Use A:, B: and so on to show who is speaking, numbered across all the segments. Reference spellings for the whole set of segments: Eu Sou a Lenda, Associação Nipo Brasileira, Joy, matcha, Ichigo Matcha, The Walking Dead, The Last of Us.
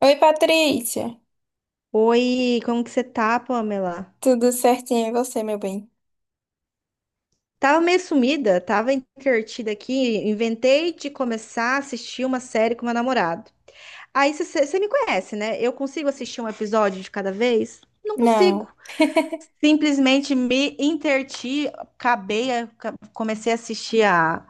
A: Oi, Patrícia.
B: Oi, como que você tá, Pamela?
A: Tudo certinho e você, meu bem?
B: Tava meio sumida, tava entretida aqui, inventei de começar a assistir uma série com meu namorado. Aí você me conhece, né? Eu consigo assistir um episódio de cada vez? Não consigo.
A: Não.
B: Simplesmente me interti, acabei, comecei a assistir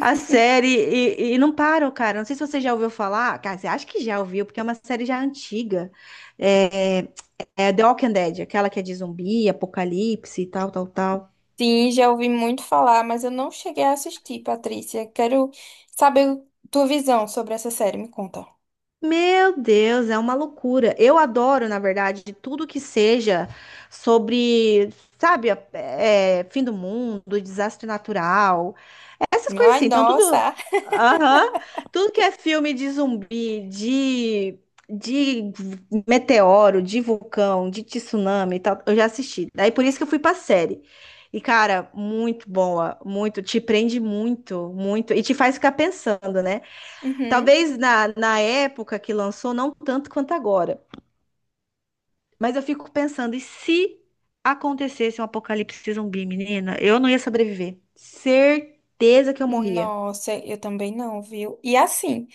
B: a série e não paro, cara. Não sei se você já ouviu falar, cara, você acha que já ouviu, porque é uma série já antiga. É, É The Walking Dead, aquela que é de zumbi, apocalipse e tal, tal, tal.
A: Sim, já ouvi muito falar, mas eu não cheguei a assistir, Patrícia. Quero saber tua visão sobre essa série, me conta.
B: Meu Deus, é uma loucura. Eu adoro, na verdade, tudo que seja sobre, sabe, é, fim do mundo, desastre natural. Essas coisas
A: Ai,
B: assim. Então, tudo.
A: nossa.
B: Aham. Tudo que é filme de zumbi, de meteoro, de vulcão, de tsunami e tal, eu já assisti. Daí por isso que eu fui pra série. E, cara, muito boa, muito, te prende muito, muito, e te faz ficar pensando, né?
A: Uhum.
B: Talvez na época que lançou, não tanto quanto agora, mas eu fico pensando, e se acontecesse um apocalipse zumbi, menina, eu não ia sobreviver. Certeza que eu morria.
A: Nossa, eu também não, viu? E assim,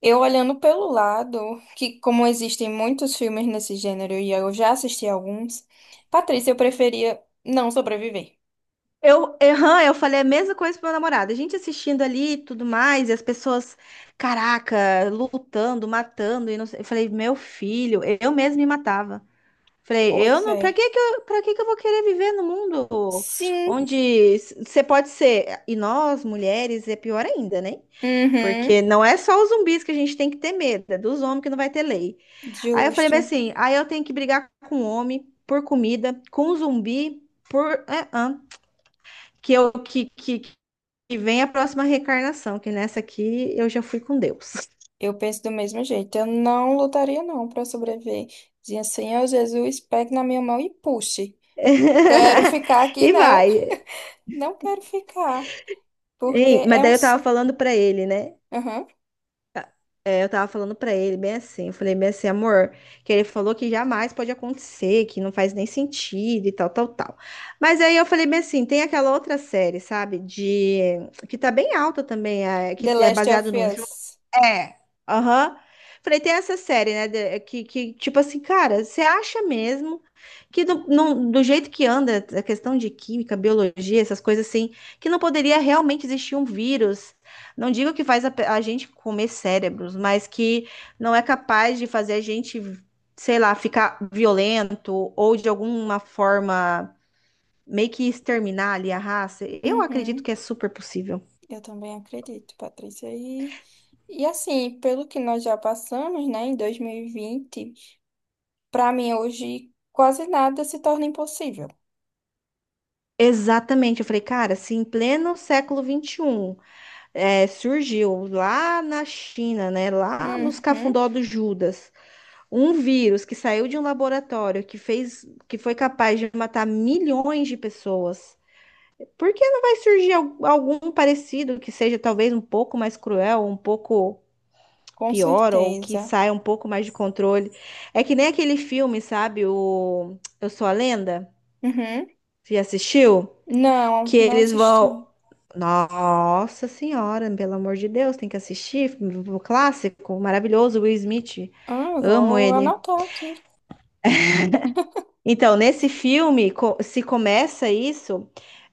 A: eu olhando pelo lado, que como existem muitos filmes nesse gênero e eu já assisti alguns, Patrícia, eu preferia não sobreviver.
B: Eu, aham, eu falei a mesma coisa pro meu namorado. A gente assistindo ali e tudo mais, e as pessoas, caraca, lutando, matando, e não sei. Eu falei, meu filho, eu mesmo me matava. Falei, eu
A: Pois
B: não,
A: é.
B: pra que que eu vou querer viver no mundo
A: Sim.
B: onde você pode ser, e nós, mulheres, é pior ainda, né?
A: Uhum.
B: Porque não é só os zumbis que a gente tem que ter medo, é dos homens que não vai ter lei. Aí eu falei, mas
A: Justo.
B: assim, aí eu tenho que brigar com o homem por comida, com o zumbi por. É, hã? Que eu que, e vem a próxima reencarnação, que nessa aqui eu já fui com Deus.
A: Eu penso do mesmo jeito. Eu não lutaria, não, para sobreviver. Dizia, Senhor Jesus, pegue na minha mão e puxe. Quero ficar aqui,
B: E
A: não.
B: vai.
A: Não quero ficar. Porque
B: Ei, mas
A: é
B: daí
A: um.
B: eu tava
A: Su-
B: falando pra ele, né?
A: Uhum.
B: É, eu tava falando pra ele bem assim, eu falei bem assim, amor, que ele falou que jamais pode acontecer, que não faz nem sentido e tal, tal, tal. Mas aí eu falei bem assim, tem aquela outra série, sabe, de que tá bem alta também, é,
A: The
B: que é
A: Last
B: baseado
A: of
B: num jogo.
A: Us.
B: É. Aham. Falei, tem essa série, né, que tipo assim, cara, você acha mesmo que do, não- do jeito que anda a questão de química, biologia, essas coisas assim, que não poderia realmente existir um vírus? Não digo que faz a, a gente comer cérebros, mas que não é capaz de fazer a gente, sei lá, ficar violento ou de alguma forma meio que exterminar ali a raça. Eu acredito
A: Uhum.
B: que é super possível.
A: Eu também acredito, Patrícia. E assim, pelo que nós já passamos, né, em 2020, para mim hoje quase nada se torna impossível.
B: Exatamente, eu falei, cara, se em pleno século XXI é, surgiu lá na China, né, lá nos
A: Uhum.
B: cafundó do Judas, um vírus que saiu de um laboratório que fez, que foi capaz de matar milhões de pessoas. Por que não vai surgir algum parecido que seja talvez um pouco mais cruel, um pouco
A: Com
B: pior, ou que
A: certeza.
B: saia um pouco mais de controle? É que nem aquele filme, sabe? O Eu Sou a Lenda?
A: Uhum.
B: Você já assistiu?
A: Não,
B: Que
A: não
B: eles vão.
A: assisti.
B: Nossa Senhora, pelo amor de Deus, tem que assistir. O clássico, maravilhoso, Will Smith.
A: Ah, eu
B: Amo
A: vou
B: ele.
A: anotar aqui.
B: Então, nesse filme, se começa isso.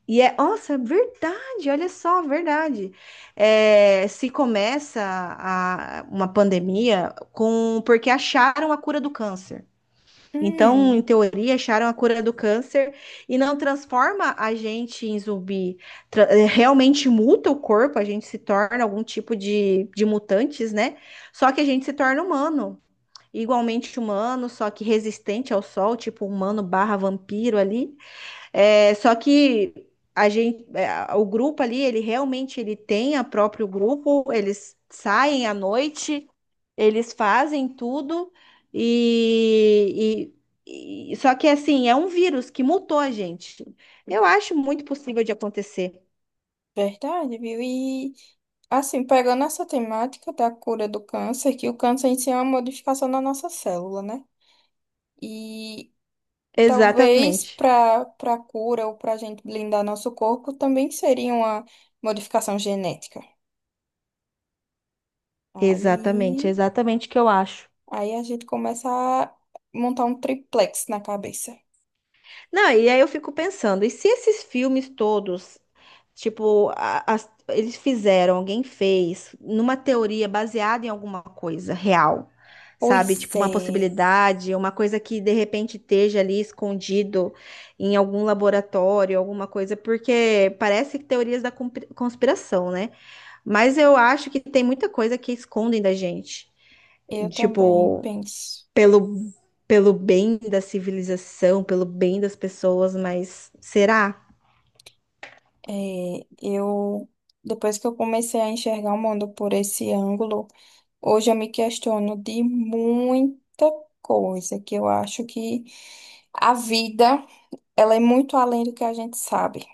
B: E é, nossa, é verdade, olha só, verdade. É, se começa uma pandemia com porque acharam a cura do câncer. Então, em
A: Hum,
B: teoria, acharam a cura do câncer e não transforma a gente em zumbi. É, realmente muta o corpo, a gente se torna algum tipo de mutantes, né? Só que a gente se torna humano. Igualmente humano, só que resistente ao sol, tipo humano barra vampiro ali. É, só que a gente, é, o grupo ali, ele realmente ele tem a próprio grupo, eles saem à noite, eles fazem tudo e, só que assim, é um vírus que mutou a gente. Eu acho muito possível de acontecer.
A: verdade, viu? E assim, pegando essa temática da cura do câncer, que o câncer em si é uma modificação na nossa célula, né? E talvez
B: Exatamente.
A: para cura ou para a gente blindar nosso corpo também seria uma modificação genética. Aí,
B: Exatamente o que eu acho.
A: aí a gente começa a montar um triplex na cabeça.
B: Não, e aí eu fico pensando, e se esses filmes todos, tipo, eles fizeram, alguém fez, numa teoria baseada em alguma coisa real, sabe?
A: Pois
B: Tipo, uma
A: é,
B: possibilidade, uma coisa que de repente esteja ali escondido em algum laboratório, alguma coisa, porque parece teorias da conspiração, né? Mas eu acho que tem muita coisa que escondem da gente.
A: eu também
B: Tipo,
A: penso.
B: pelo, pelo bem da civilização, pelo bem das pessoas, mas será?
A: Eu depois que eu comecei a enxergar o mundo por esse ângulo, hoje eu me questiono de muita coisa que eu acho que a vida, ela é muito além do que a gente sabe.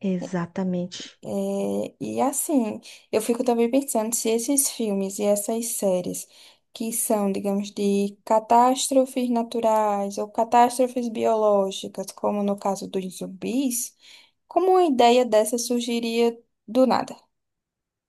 B: Exatamente.
A: É, e assim, eu fico também pensando se esses filmes e essas séries que são, digamos, de catástrofes naturais ou catástrofes biológicas, como no caso dos zumbis, como uma ideia dessa surgiria do nada?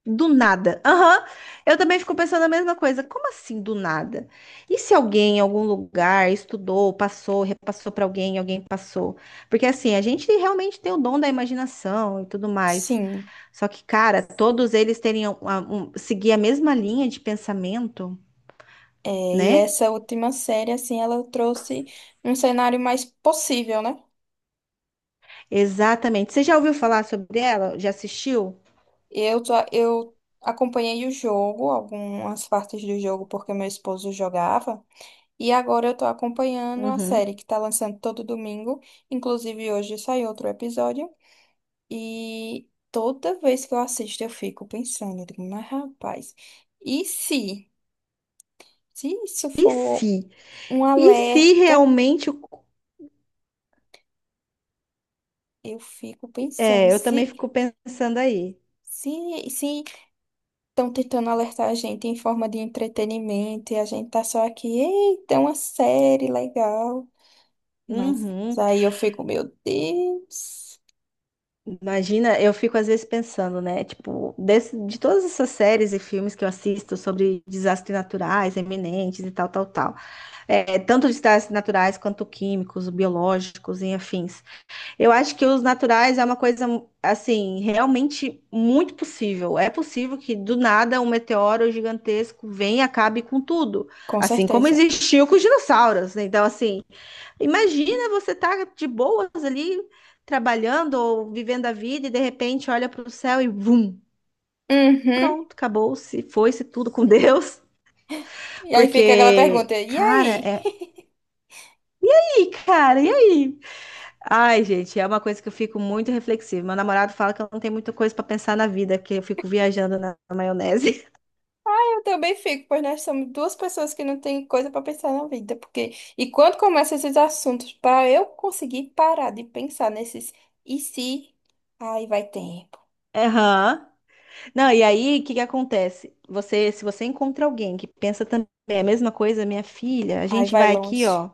B: Do nada. Aham. Eu também fico pensando a mesma coisa. Como assim do nada? E se alguém em algum lugar estudou, passou, repassou para alguém, alguém passou? Porque assim, a gente realmente tem o dom da imaginação e tudo mais.
A: Sim,
B: Só que, cara, todos eles teriam seguir a mesma linha de pensamento,
A: é, e
B: né?
A: essa última série, assim, ela trouxe um cenário mais possível, né?
B: Exatamente. Você já ouviu falar sobre ela? Já assistiu?
A: Eu acompanhei o jogo, algumas partes do jogo, porque meu esposo jogava, e agora eu tô acompanhando a
B: Uhum.
A: série que tá lançando todo domingo, inclusive hoje saiu outro episódio, e toda vez que eu assisto eu fico pensando, eu digo, mas rapaz, e se isso
B: E
A: for
B: se?
A: um
B: E se
A: alerta,
B: realmente. O-
A: eu fico pensando,
B: É, eu também
A: se.
B: fico pensando aí.
A: Se, se estão tentando alertar a gente em forma de entretenimento e a gente tá só aqui, eita, é uma série legal. Mas
B: Uhum.
A: aí eu fico, meu Deus.
B: Imagina, eu fico às vezes pensando, né? Tipo, desse- de todas essas séries e filmes que eu assisto sobre desastres naturais, eminentes e tal, tal, tal. É, tanto desastres naturais quanto químicos, biológicos e afins. Eu acho que os naturais é uma coisa, assim, realmente muito possível. É possível que do nada um meteoro gigantesco venha e acabe com tudo.
A: Com
B: Assim como
A: certeza.
B: existiu com os dinossauros. Né? Então, assim, imagina você tá de boas ali, trabalhando ou vivendo a vida e de repente olha para o céu e vum,
A: Uhum.
B: pronto, acabou-se, foi-se tudo com Deus.
A: E aí fica aquela
B: Porque,
A: pergunta, e aí?
B: cara, é. E aí, cara, e aí? Ai, gente, é uma coisa que eu fico muito reflexiva. Meu namorado fala que eu não tenho muita coisa pra pensar na vida, que eu fico viajando na maionese.
A: Eu também fico, pois nós somos duas pessoas que não tem coisa pra pensar na vida, porque e quando começam esses assuntos, pra eu conseguir parar de pensar nesses e se, aí vai tempo,
B: Aham. Não, e aí, o que que acontece? Você, se você encontra alguém que pensa também a mesma coisa, minha filha, a
A: aí
B: gente
A: vai
B: vai aqui,
A: longe.
B: ó.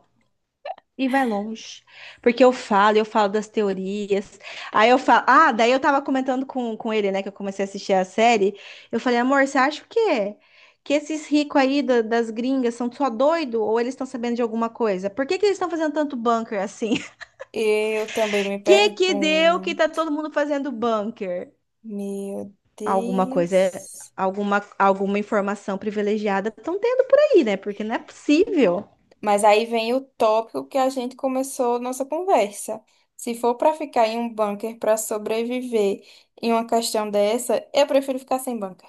B: E vai longe. Porque eu falo das teorias. Aí eu falo. Ah, daí eu tava comentando com ele, né? Que eu comecei a assistir a série. Eu falei, amor, você acha o quê? Que esses ricos aí das gringas são só doido ou eles estão sabendo de alguma coisa? Por que que eles estão fazendo tanto bunker assim?
A: Eu também me
B: Que deu que tá
A: pergunto,
B: todo mundo fazendo bunker?
A: meu
B: Alguma coisa,
A: Deus.
B: alguma informação privilegiada estão tendo por aí, né? Porque não é possível.
A: Mas aí vem o tópico que a gente começou nossa conversa. Se for para ficar em um bunker para sobreviver em uma questão dessa, eu prefiro ficar sem bunker.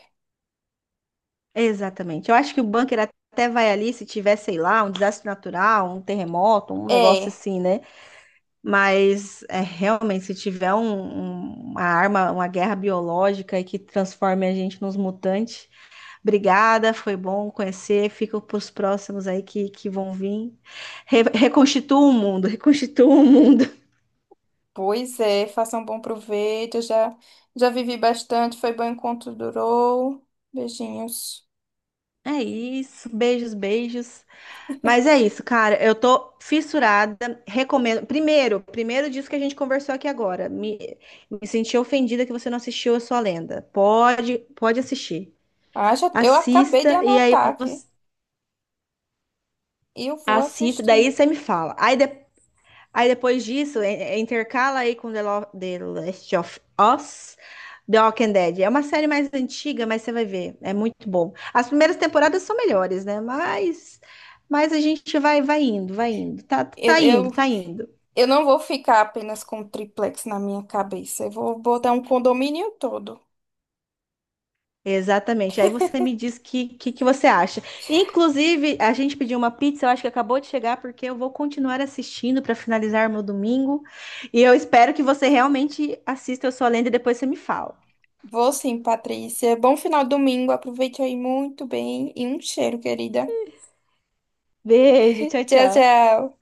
B: Exatamente. Eu acho que o bunker até vai ali se tiver, sei lá, um desastre natural, um terremoto, um negócio
A: É,
B: assim, né? Mas é, realmente, se tiver uma arma, uma guerra biológica e que transforme a gente nos mutantes, obrigada, foi bom conhecer. Fica para os próximos aí que vão vir. Reconstitua o mundo, reconstitua o mundo.
A: pois é, faça um bom proveito. Eu já vivi bastante, foi bom enquanto durou. Beijinhos.
B: É isso. Beijos, beijos. Mas é isso, cara. Eu tô fissurada. Recomendo. Primeiro disso que a gente conversou aqui agora. Me senti ofendida que você não assistiu a sua lenda. Pode assistir.
A: Ah, já, eu acabei de
B: Assista e aí
A: anotar aqui.
B: você
A: Eu vou
B: assista. Daí
A: assistir.
B: você me fala. Aí, aí depois disso, intercala aí com The Last of Us. The Walking Dead. É uma série mais antiga, mas você vai ver. É muito bom. As primeiras temporadas são melhores, né? Mas a gente vai, vai indo, vai indo. Tá,
A: Eu,
B: tá indo,
A: eu
B: tá indo.
A: Eu não vou ficar apenas com o triplex na minha cabeça. Eu vou botar um condomínio todo.
B: Exatamente. Aí você me diz que você acha. Inclusive, a gente pediu uma pizza, eu acho que acabou de chegar, porque eu vou continuar assistindo para finalizar meu domingo. E eu espero que você realmente assista Eu Sou a Lenda e depois você me fala.
A: Vou sim, Patrícia. Bom final de domingo. Aproveite aí muito bem. E um cheiro, querida.
B: Beijo, tchau,
A: Tchau,
B: tchau.
A: tchau.